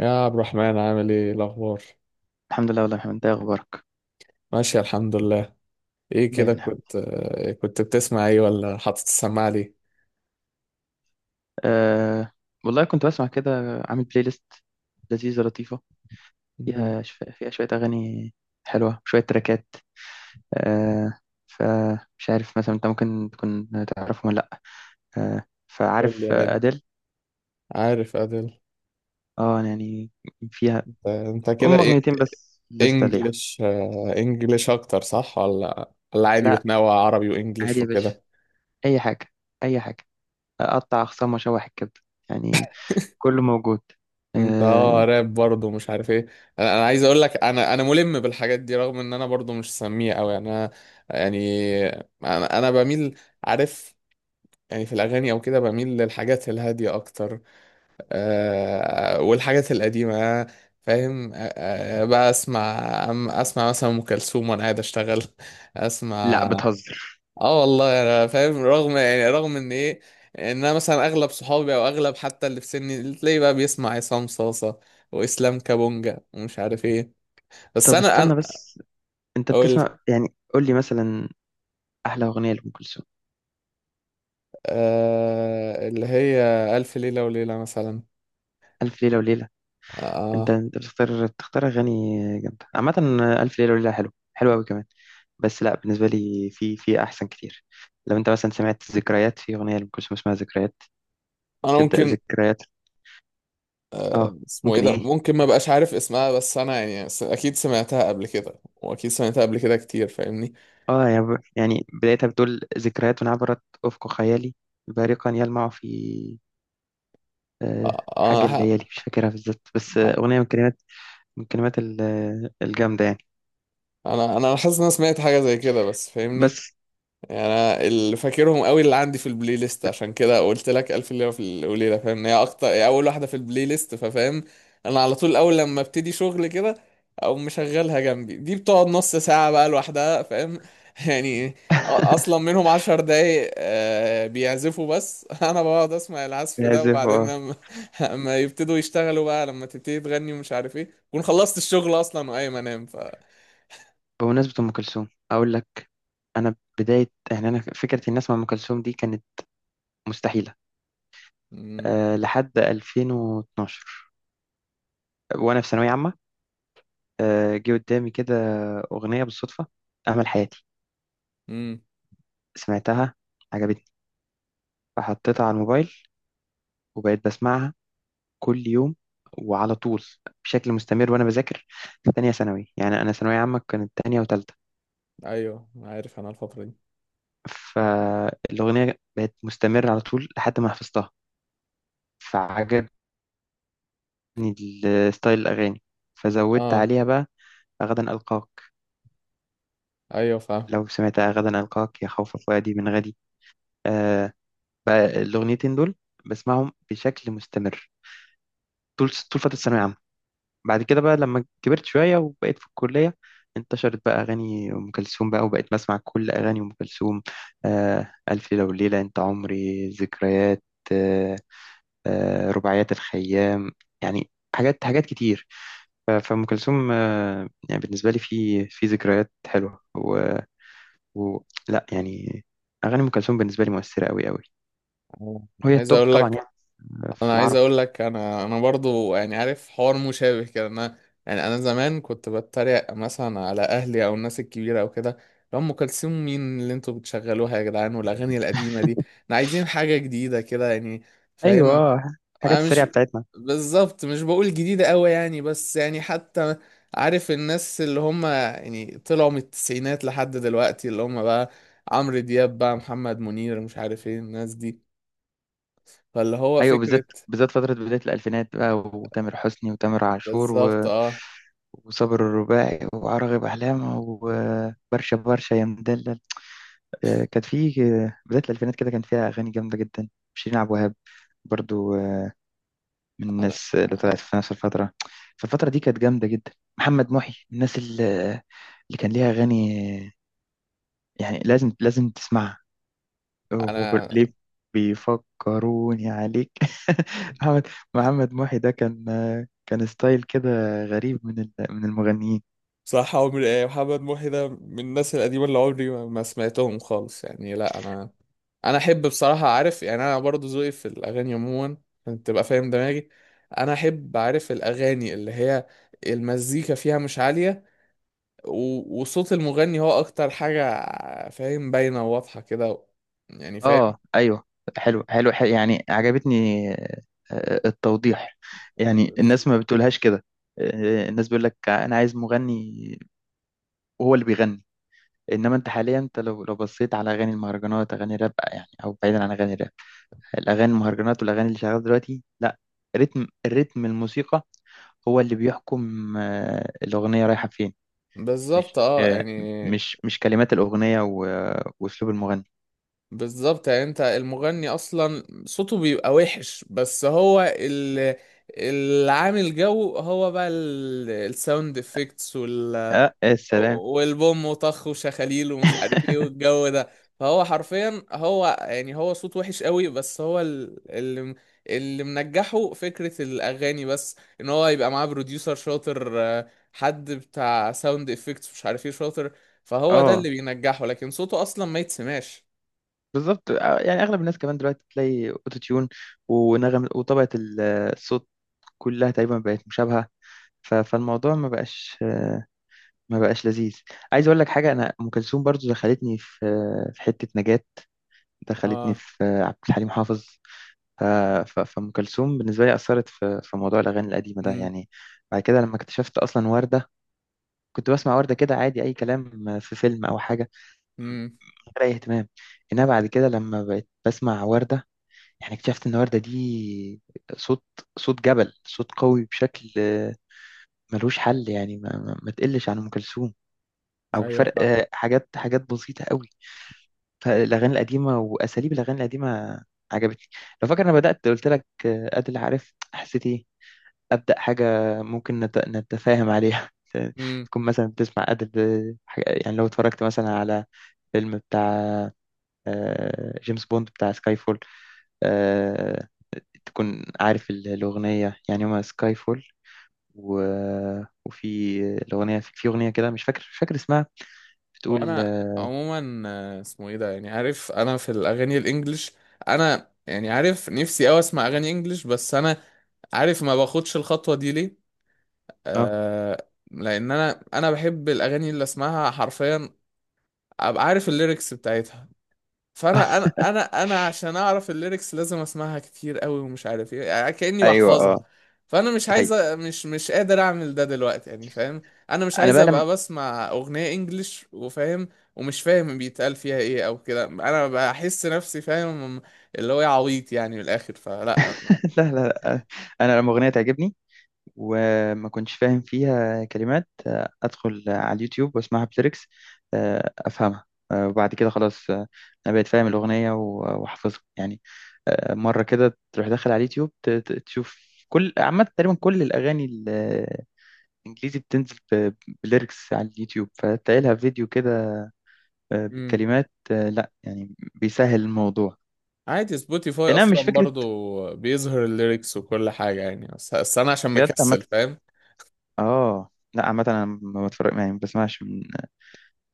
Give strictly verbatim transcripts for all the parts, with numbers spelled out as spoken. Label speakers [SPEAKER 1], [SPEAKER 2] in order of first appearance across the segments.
[SPEAKER 1] يا عبد الرحمن، عامل ايه الاخبار؟
[SPEAKER 2] الحمد لله والله يا محمد، انت ايه اخبارك؟
[SPEAKER 1] ماشي، الحمد لله. ايه كده،
[SPEAKER 2] دايما يا حبيبي.
[SPEAKER 1] كنت آه، كنت بتسمع ايه ولا حاطط السماعه ليه؟
[SPEAKER 2] أه. والله كنت بسمع كده. عامل بلاي ليست لذيذه لطيفه،
[SPEAKER 1] مم.
[SPEAKER 2] فيها شف... فيها شويه اغاني حلوه، شويه تراكات. أه فمش عارف مثلا، انت ممكن تكون تعرفهم ولا لا؟ أه
[SPEAKER 1] قول لي،
[SPEAKER 2] فعارف
[SPEAKER 1] عادي.
[SPEAKER 2] اديل.
[SPEAKER 1] عارف ادل.
[SPEAKER 2] اه أنا يعني فيها
[SPEAKER 1] انت أنت كده
[SPEAKER 2] ام
[SPEAKER 1] ايه؟
[SPEAKER 2] اغنيتين بس لسه ليها.
[SPEAKER 1] انجلش، آه، انجلش اكتر، صح؟ ولا ولا عادي
[SPEAKER 2] لا
[SPEAKER 1] بتنوع عربي
[SPEAKER 2] عادي
[SPEAKER 1] وانجلش
[SPEAKER 2] يا باشا،
[SPEAKER 1] وكده؟
[SPEAKER 2] اي حاجه، اي حاجه. اقطع اخصام واشوح الكبد، يعني كله موجود.
[SPEAKER 1] انت اه
[SPEAKER 2] أه
[SPEAKER 1] راب برضه، مش عارف ايه. انا أنا عايز اقول لك، انا انا ملم بالحاجات دي، رغم ان انا برضه مش سميع قوي، يعني انا... يعني انا أنا بميل، عارف، يعني في الاغاني او كده، بميل للحاجات الهاديه اكتر، آه، والحاجات القديمة، فاهم. آه، آه، بقى اسمع. أم- اسمع مثلا ام كلثوم وانا قاعد اشتغل
[SPEAKER 2] لا،
[SPEAKER 1] اسمع.
[SPEAKER 2] بتهزر.
[SPEAKER 1] اه، والله انا فاهم، رغم يعني رغم ان ايه، ان انا مثلا اغلب صحابي او اغلب حتى اللي في سني، اللي تلاقيه بقى بيسمع عصام صاصة واسلام كابونجا ومش عارف ايه. بس
[SPEAKER 2] طب
[SPEAKER 1] انا انا
[SPEAKER 2] استنى بس، انت
[SPEAKER 1] اقول،
[SPEAKER 2] بتسمع يعني؟ قول لي مثلا احلى اغنيه لام كلثوم.
[SPEAKER 1] آه، اللي هي الف ليلة وليلة مثلا.
[SPEAKER 2] الف ليله وليله.
[SPEAKER 1] آه،
[SPEAKER 2] انت
[SPEAKER 1] آه.
[SPEAKER 2] انت بتختار بتختار اغاني جامده عامه. الف ليله وليله حلو حلو قوي كمان. بس لا، بالنسبه لي في في احسن كتير. لو انت مثلا سمعت ذكريات، في اغنيه لام كلثوم اسمها ذكريات،
[SPEAKER 1] انا
[SPEAKER 2] بتبدا
[SPEAKER 1] ممكن...
[SPEAKER 2] ذكريات. اه.
[SPEAKER 1] اسمه ايه
[SPEAKER 2] ممكن
[SPEAKER 1] ده؟
[SPEAKER 2] ايه.
[SPEAKER 1] ممكن ما بقاش عارف اسمها، بس انا يعني س- اكيد سمعتها قبل كده، واكيد سمعتها قبل كده كتير، فاهمني.
[SPEAKER 2] اه يعني ب- يعني بدايتها بتقول ذكريات عبرت افق خيالي، بارقا يلمع في آه،
[SPEAKER 1] آه، انا
[SPEAKER 2] حاجه
[SPEAKER 1] ح...
[SPEAKER 2] الليالي، مش فاكرها بالظبط، بس
[SPEAKER 1] ح...
[SPEAKER 2] آه، اغنيه من كلمات، من كلمات الجامده يعني.
[SPEAKER 1] انا انا حاسس ان انا سمعت حاجه زي كده، بس فاهمني.
[SPEAKER 2] بس
[SPEAKER 1] يعني انا اللي فاكرهم قوي اللي عندي في البلاي ليست، عشان كده قلت لك الف ليله في وليله، فاهم، إن هي اكتر، هي اول واحده في البلاي ليست ففاهم. انا على طول اول لما ابتدي شغل كده، او مشغلها جنبي، دي بتقعد نص ساعه بقى لوحدها، فاهم. يعني أ- اصلا منهم عشر دقايق، آه، بيعزفوا بس انا بقعد اسمع العزف ده،
[SPEAKER 2] بيعزف،
[SPEAKER 1] وبعدين
[SPEAKER 2] اه.
[SPEAKER 1] لما لما يبتدوا يشتغلوا بقى، لما تبتدي تغني ومش عارف ايه، كون خلصت الشغل اصلا وقايم انام. ف...
[SPEAKER 2] بمناسبة أم كلثوم أقول لك، أنا بداية يعني أنا فكرة الناس مع أم كلثوم دي كانت مستحيلة.
[SPEAKER 1] امم.
[SPEAKER 2] أه لحد ألفين واثنا عشر وأنا في ثانوية عامة. أه جه قدامي كده أغنية بالصدفة، أمل حياتي.
[SPEAKER 1] امم.
[SPEAKER 2] سمعتها، عجبتني، فحطيتها على الموبايل، وبقيت بسمعها كل يوم وعلى طول، بشكل مستمر، وأنا بذاكر في تانية ثانوي. يعني أنا ثانوية عامة كانت تانية وتالتة.
[SPEAKER 1] ايوه، عارف انا الفتره دي.
[SPEAKER 2] فالأغنية بقت مستمرة على طول لحد ما حفظتها، فعجبني ال- ستايل الأغاني، فزودت
[SPEAKER 1] اه،
[SPEAKER 2] عليها بقى غدا ألقاك.
[SPEAKER 1] ايوه، فاهم.
[SPEAKER 2] لو سمعتها غدا ألقاك يا خوف فؤادي من غدي. آه. بقى الأغنيتين دول بسمعهم بشكل مستمر طول طول فترة الثانوية العامة. بعد كده بقى لما كبرت شوية وبقيت في الكلية، انتشرت بقى أغاني أم كلثوم بقى، وبقيت بسمع كل أغاني أم كلثوم. آه ألف ليلة وليلة، أنت عمري، ذكريات، آه آه رباعيات الخيام، يعني حاجات حاجات كتير. ف- فأم كلثوم، آه، يعني بالنسبة لي في في ذكريات حلوة. و... و... لا يعني أغاني أم كلثوم بالنسبة لي مؤثرة أوي أوي،
[SPEAKER 1] أنا
[SPEAKER 2] وهي
[SPEAKER 1] عايز
[SPEAKER 2] التوب
[SPEAKER 1] اقول
[SPEAKER 2] طبعا
[SPEAKER 1] لك
[SPEAKER 2] يعني في
[SPEAKER 1] انا عايز
[SPEAKER 2] العرب.
[SPEAKER 1] اقول لك، انا انا برضو يعني عارف حوار مشابه كده، انا... يعني انا زمان كنت بتريق مثلا على اهلي او الناس الكبيره او كده، لو ام كلثوم مين اللي انتوا بتشغلوها يا جدعان، والاغاني القديمه دي احنا عايزين حاجه جديده كده يعني،
[SPEAKER 2] أيوة،
[SPEAKER 1] فاهم.
[SPEAKER 2] آه، الحاجات
[SPEAKER 1] انا مش...
[SPEAKER 2] السريعة بتاعتنا.
[SPEAKER 1] بالظبط، مش بقول جديده قوي يعني، بس يعني حتى عارف الناس اللي هم يعني طلعوا من التسعينات لحد دلوقتي، اللي هم بقى عمرو دياب بقى، محمد منير، مش عارف ايه الناس دي، فاللي هو
[SPEAKER 2] أيوة،
[SPEAKER 1] فكرة.
[SPEAKER 2] بالذات بالذات فترة بداية الألفينات بقى، وتامر حسني وتامر عاشور
[SPEAKER 1] بالظبط،
[SPEAKER 2] و...
[SPEAKER 1] اه.
[SPEAKER 2] وصابر الرباعي وعراغب أحلام، وبرشا برشا يا مدلل. آه، كانت في آه، بداية الألفينات كده كان فيها أغاني جامدة جدا. شيرين عبد الوهاب برضو من
[SPEAKER 1] انا
[SPEAKER 2] الناس اللي طلعت في نفس الفترة، فالفترة دي كانت جامدة جدا. محمد محي من الناس اللي, اللي كان ليها أغاني يعني لازم لازم تسمعها،
[SPEAKER 1] انا
[SPEAKER 2] وليه بيفكروني عليك. محمد محمد محي ده كان، كان ستايل كده غريب من ال- من المغنيين.
[SPEAKER 1] صح، عمري ايه محمد محي ده، من الناس القديمة اللي عمري ما ما سمعتهم خالص يعني، لا انا... انا احب بصراحة، عارف يعني انا برضو ذوقي في الاغاني عموما، عشان تبقى فاهم دماغي، انا احب عارف الاغاني اللي هي المزيكا فيها مش عالية، و- وصوت المغني هو اكتر حاجة، فاهم، باينة وواضحة كده، يعني، فاهم.
[SPEAKER 2] اه ايوه، حلو حلو، حلو يعني. عجبتني آه، التوضيح، يعني الناس ما بتقولهاش كده. آه، الناس بيقول لك انا عايز مغني وهو اللي بيغني، انما انت حاليا، انت لو لو بصيت على اغاني المهرجانات، اغاني الراب يعني، او بعيدا عن اغاني الراب، الاغاني المهرجانات والاغاني اللي شغاله دلوقتي، لا، رتم، الرتم الموسيقى هو اللي بيحكم آه، الاغنيه رايحه فين.
[SPEAKER 1] بالظبط،
[SPEAKER 2] مش
[SPEAKER 1] اه،
[SPEAKER 2] آه،
[SPEAKER 1] يعني.
[SPEAKER 2] مش مش كلمات الاغنيه و- واسلوب المغني.
[SPEAKER 1] بالظبط يعني، انت المغني اصلا صوته بيبقى وحش، بس هو ال- اللي عامل جو هو بقى ال- الساوند افكتس، وال...
[SPEAKER 2] اه السلام.
[SPEAKER 1] والبوم وطخ وشخاليل ومش عارف ايه والجو ده. فهو حرفيا، هو يعني، هو صوت وحش قوي، بس هو ال- اللي اللي منجحه فكرة الاغاني، بس ان هو يبقى معاه بروديوسر شاطر، آه، حد بتاع ساوند افكتس مش عارف ايه شاطر، فهو ده
[SPEAKER 2] اه
[SPEAKER 1] اللي بينجحه، لكن صوته اصلا ما يتسمعش.
[SPEAKER 2] بالظبط. آه، يعني اغلب الناس كمان دلوقتي تلاقي اوتو تيون ونغم وطبقه ال- الصوت كلها تقريبا بقت مشابهه. ف- فالموضوع ما بقاش، آه، ما بقاش لذيذ. عايز اقول لك حاجه، انا ام كلثوم برضو دخلتني في، في حته نجاة، دخلتني
[SPEAKER 1] اه.
[SPEAKER 2] في عبد الحليم حافظ. ف- ف- فام كلثوم بالنسبه لي اثرت في في موضوع الاغاني القديمه ده
[SPEAKER 1] امم،
[SPEAKER 2] يعني. بعد كده لما اكتشفت اصلا ورده، كنت بسمع ورده كده عادي، اي كلام في فيلم او حاجه،
[SPEAKER 1] امم.
[SPEAKER 2] من غير اي اهتمام. انها بعد كده لما بقيت بسمع ورده يعني اكتشفت ان ورده دي صوت، صوت جبل، صوت قوي بشكل ملوش حل، يعني ما, ما ما تقلش عن ام كلثوم او
[SPEAKER 1] ايوه،
[SPEAKER 2] الفرق،
[SPEAKER 1] فاهم.
[SPEAKER 2] حاجات حاجات بسيطه قوي. فالاغاني القديمه واساليب الاغاني القديمه عجبتني. لو فاكر انا بدات قلت لك، آه، ادل، عارف حسيت ايه؟ ابدا حاجه ممكن نت- نتفاهم عليها.
[SPEAKER 1] امم.
[SPEAKER 2] تكون مثلا بتسمع ادل حاجة- يعني لو اتفرجت مثلا على فيلم بتاع، آه، جيمس بوند، بتاع سكاي فول، آه، تكون عارف ال- الأغنية يعني، هما سكاي فول، و... وفي الأغنية، في في أغنية كده مش فاكر مش فاكر اسمها،
[SPEAKER 1] هو
[SPEAKER 2] بتقول
[SPEAKER 1] انا... عموما، آه، اسمه ايه ده، يعني عارف انا في الاغاني الانجليش، انا يعني عارف نفسي اوي اسمع اغاني انجليش، بس انا عارف ما باخدش الخطوه دي ليه.
[SPEAKER 2] اه.
[SPEAKER 1] آه. لان انا انا بحب الاغاني اللي اسمعها حرفيا، ابقى عارف الليركس بتاعتها، فانا انا انا انا عشان اعرف الليركس لازم اسمعها كتير قوي ومش عارف ايه، يعني كاني
[SPEAKER 2] أيوة اه،
[SPEAKER 1] بحفظها. فانا مش
[SPEAKER 2] ده
[SPEAKER 1] عايز أ-
[SPEAKER 2] حقيقي.
[SPEAKER 1] مش مش قادر اعمل ده دلوقتي، يعني فاهم. انا مش
[SPEAKER 2] أنا
[SPEAKER 1] عايز
[SPEAKER 2] بقى لما،
[SPEAKER 1] ابقى بسمع اغنيه انجليش وفاهم، ومش فاهم بيتقال فيها ايه او كده، انا بحس نفسي، فاهم، اللي هو إيه، عبيط يعني من الاخر، فلا.
[SPEAKER 2] لا، لا، لا. انا لما اغنيه تعجبني وما كنتش فاهم فيها كلمات، آه، ادخل على اليوتيوب واسمعها بليركس، آه، افهمها، آه، وبعد كده خلاص، آه، انا بقيت فاهم الاغنيه و- واحفظها يعني. آه، مره كده تروح داخل على اليوتيوب ت- ت- تشوف، كل عامه تقريبا كل الاغاني الانجليزي بتنزل ب- بليركس على اليوتيوب، فتلاقي لها فيديو كده آه،
[SPEAKER 1] امم.
[SPEAKER 2] بالكلمات، آه، لا يعني بيسهل الموضوع.
[SPEAKER 1] عادي، سبوتيفاي
[SPEAKER 2] انما
[SPEAKER 1] اصلا
[SPEAKER 2] مش فكره
[SPEAKER 1] برضو بيظهر الليركس وكل حاجه يعني، بس بس انا عشان
[SPEAKER 2] بجد عامه.
[SPEAKER 1] مكسل، فاهم.
[SPEAKER 2] اه لا، عامة انا ما بتفرج، يعني ما بسمعش من،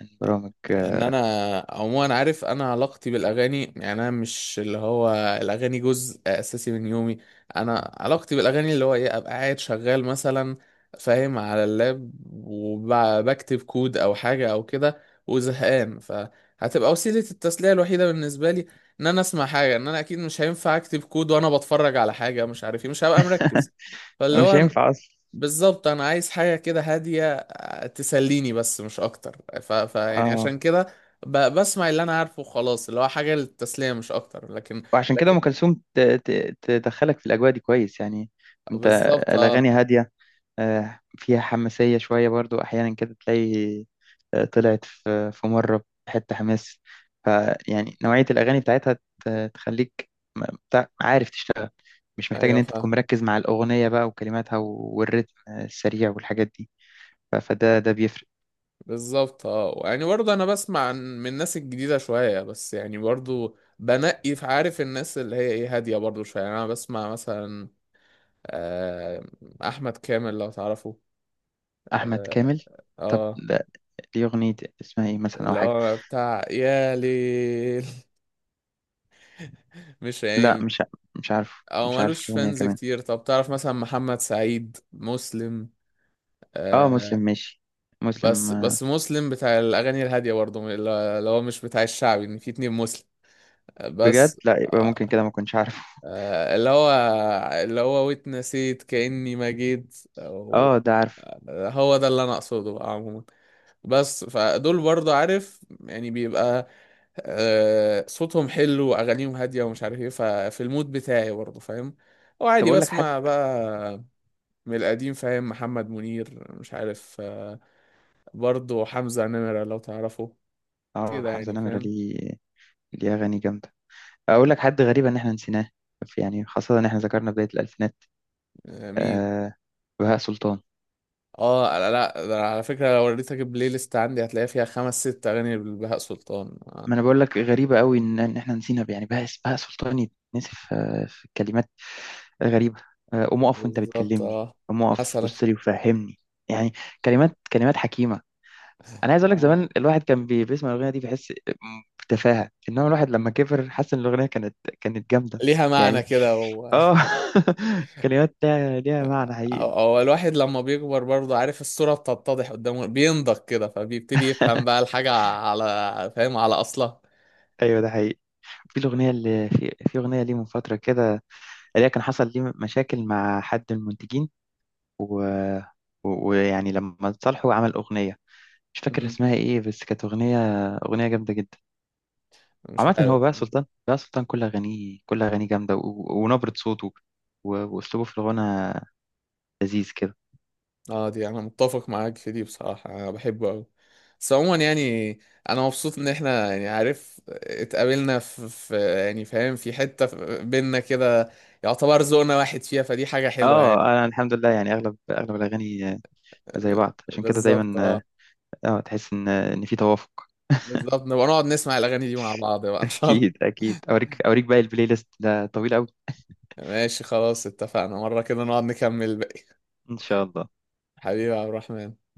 [SPEAKER 2] من برامج،
[SPEAKER 1] ان
[SPEAKER 2] آه،
[SPEAKER 1] انا عموما، عارف انا علاقتي بالاغاني، يعني انا مش اللي هو الاغاني جزء اساسي من يومي. انا علاقتي بالاغاني اللي هو ايه، ابقى قاعد شغال مثلا، فاهم، على اللاب وبكتب كود او حاجه او كده، وزهقان، فهتبقى وسيله التسليه الوحيده بالنسبه لي، ان انا اسمع حاجه، ان انا اكيد مش هينفع اكتب كود وانا بتفرج على حاجه مش عارف ايه، مش هبقى مركز، فاللي
[SPEAKER 2] مش
[SPEAKER 1] هو...
[SPEAKER 2] هينفع اصلا.
[SPEAKER 1] بالظبط، انا عايز حاجه كده هاديه، آه، تسليني بس مش اكتر. ف... ف يعني
[SPEAKER 2] اه
[SPEAKER 1] عشان كده ب... بسمع اللي انا عارفه خلاص، اللي هو حاجه للتسليه مش اكتر، لكن...
[SPEAKER 2] وعشان كده
[SPEAKER 1] لكن...
[SPEAKER 2] ام كلثوم ت- ت- تدخلك في الاجواء دي كويس يعني. انت
[SPEAKER 1] بالظبط، اه.
[SPEAKER 2] الاغاني هادية، آه، فيها حماسية شوية برضو احيانا كده تلاقي، آه، طلعت في في مرة حتة حماس. فيعني نوعية الاغاني بتاعتها ت- تخليك م- بتاع- عارف تشتغل، مش محتاج ان
[SPEAKER 1] ايوه،
[SPEAKER 2] انت تكون
[SPEAKER 1] فاهم.
[SPEAKER 2] مركز مع الاغنية بقى وكلماتها والريتم السريع والحاجات دي. ف- فده ده بيفرق.
[SPEAKER 1] بالظبط، اه، يعني برضه انا بسمع عن- من الناس الجديده شويه، بس يعني برضه بنقي في، عارف الناس اللي هي ايه هاديه برضه شويه، يعني انا بسمع مثلا، آه، احمد كامل لو تعرفه.
[SPEAKER 2] احمد
[SPEAKER 1] اه.
[SPEAKER 2] كامل. طب
[SPEAKER 1] آه،
[SPEAKER 2] لا، دي اغنية اسمها ايه مثلا او
[SPEAKER 1] اللي
[SPEAKER 2] حاجة؟
[SPEAKER 1] هو بتاع يا ليل مش
[SPEAKER 2] لا
[SPEAKER 1] عين.
[SPEAKER 2] مش ع- مش عارف
[SPEAKER 1] او
[SPEAKER 2] مش عارف
[SPEAKER 1] مالوش
[SPEAKER 2] الاغنية
[SPEAKER 1] فانز
[SPEAKER 2] كمان.
[SPEAKER 1] كتير. طب تعرف مثلا محمد سعيد مسلم؟
[SPEAKER 2] اه مسلم
[SPEAKER 1] آه.
[SPEAKER 2] ماشي. مسلم
[SPEAKER 1] بس
[SPEAKER 2] آه،
[SPEAKER 1] بس مسلم بتاع الاغاني الهاديه برضه، اللي هو مش بتاع الشعبي، ان في اتنين مسلم. آه،
[SPEAKER 2] بجد؟
[SPEAKER 1] بس
[SPEAKER 2] لا، يبقى ممكن
[SPEAKER 1] آه
[SPEAKER 2] كده، ما كنتش عارفه.
[SPEAKER 1] آه، اللي هو اللي هو واتنسيت كاني ما جيت.
[SPEAKER 2] اه
[SPEAKER 1] أو-
[SPEAKER 2] ده عارف.
[SPEAKER 1] آه، هو ده اللي انا اقصده بقى عموما. بس فدول برضه، عارف يعني بيبقى، آه صوتهم حلو واغانيهم هاديه ومش عارف ايه، ففي المود بتاعي برضه، فاهم.
[SPEAKER 2] طب
[SPEAKER 1] وعادي
[SPEAKER 2] اقول لك حد.
[SPEAKER 1] بسمع بقى من القديم، فاهم، محمد منير، مش عارف، آه، برضه حمزة نمرة لو تعرفه
[SPEAKER 2] اه
[SPEAKER 1] كده
[SPEAKER 2] حمزة
[SPEAKER 1] يعني،
[SPEAKER 2] نمرة،
[SPEAKER 1] فاهم.
[SPEAKER 2] ليه، ليه اغاني جامدة. اقول لك حد غريب ان احنا نسيناه، يعني خاصة ان احنا ذكرنا بداية الالفينات.
[SPEAKER 1] آه، مين؟
[SPEAKER 2] آه بهاء سلطان.
[SPEAKER 1] اه، لا لا، ده على فكرة لو وريتك البلاي ليست عندي هتلاقي فيها خمس ست أغاني لبهاء سلطان آه،
[SPEAKER 2] ما انا بقول لك غريبه قوي ان ان احنا نسينا، يعني بهاء، بهاء سلطان يتنسي في في كلمات غريبه. آه، قوم اقف وانت
[SPEAKER 1] بالظبط،
[SPEAKER 2] بتكلمني،
[SPEAKER 1] اه.
[SPEAKER 2] قوم اقف
[SPEAKER 1] مثلا.
[SPEAKER 2] بص لي وفهمني، يعني كلمات كلمات حكيمه. انا عايز اقول لك
[SPEAKER 1] اه.
[SPEAKER 2] زمان الواحد كان بي- بيسمع الاغنيه دي بيحس بتفاهه، انما الواحد لما كبر حس ان الاغنيه كانت، كانت جامده
[SPEAKER 1] ليها معنى
[SPEAKER 2] يعني
[SPEAKER 1] كده و...
[SPEAKER 2] اه. كلمات ليها ليها معنى حقيقي.
[SPEAKER 1] أو, أو الواحد لما بيكبر برضه، عارف الصورة بتتضح قدامه، بينضج كده فبيبتدي يفهم بقى الحاجة على، فاهم، على أصلها.
[SPEAKER 2] ايوه ده حقيقي. في الاغنيه اللي في في اغنيه ليه من فتره كده، اللي هي كان حصل ليه مشاكل مع حد المنتجين، و- و- ويعني لما صالحو عمل أغنية مش فاكر
[SPEAKER 1] مم.
[SPEAKER 2] اسمها إيه، بس كانت أغنية، أغنية جامدة جدا.
[SPEAKER 1] مش
[SPEAKER 2] عامة
[SPEAKER 1] عارف.
[SPEAKER 2] هو بقى سلطان، بقى سلطان كل أغانيه، كل أغانيه جامدة، و... ونبرة صوته و... وأسلوبه في الغنى لذيذ كده.
[SPEAKER 1] اه، دي انا متفق معاك في دي بصراحة، انا بحبه اوي، بس عموما يعني انا مبسوط ان احنا يعني، عارف اتقابلنا في, في يعني فاهم في حتة في- بينا كده، يعتبر ذوقنا واحد فيها، فدي حاجة حلوة
[SPEAKER 2] اه
[SPEAKER 1] يعني.
[SPEAKER 2] انا الحمد لله، يعني اغلب اغلب الاغاني آه، زي بعض، عشان كده
[SPEAKER 1] بالظبط،
[SPEAKER 2] دايما
[SPEAKER 1] اه.
[SPEAKER 2] اه. آه، تحس ان ان في توافق.
[SPEAKER 1] بالظبط، نبقى نقعد نسمع الاغاني دي مع بعض بقى ان شاء
[SPEAKER 2] اكيد
[SPEAKER 1] الله.
[SPEAKER 2] اكيد، اوريك اوريك باقي البلاي ليست، ده طويل قوي.
[SPEAKER 1] ماشي خلاص، اتفقنا مرة كده نقعد نكمل الباقي.
[SPEAKER 2] ان شاء الله.
[SPEAKER 1] حبيبي يا عبد الرحمن.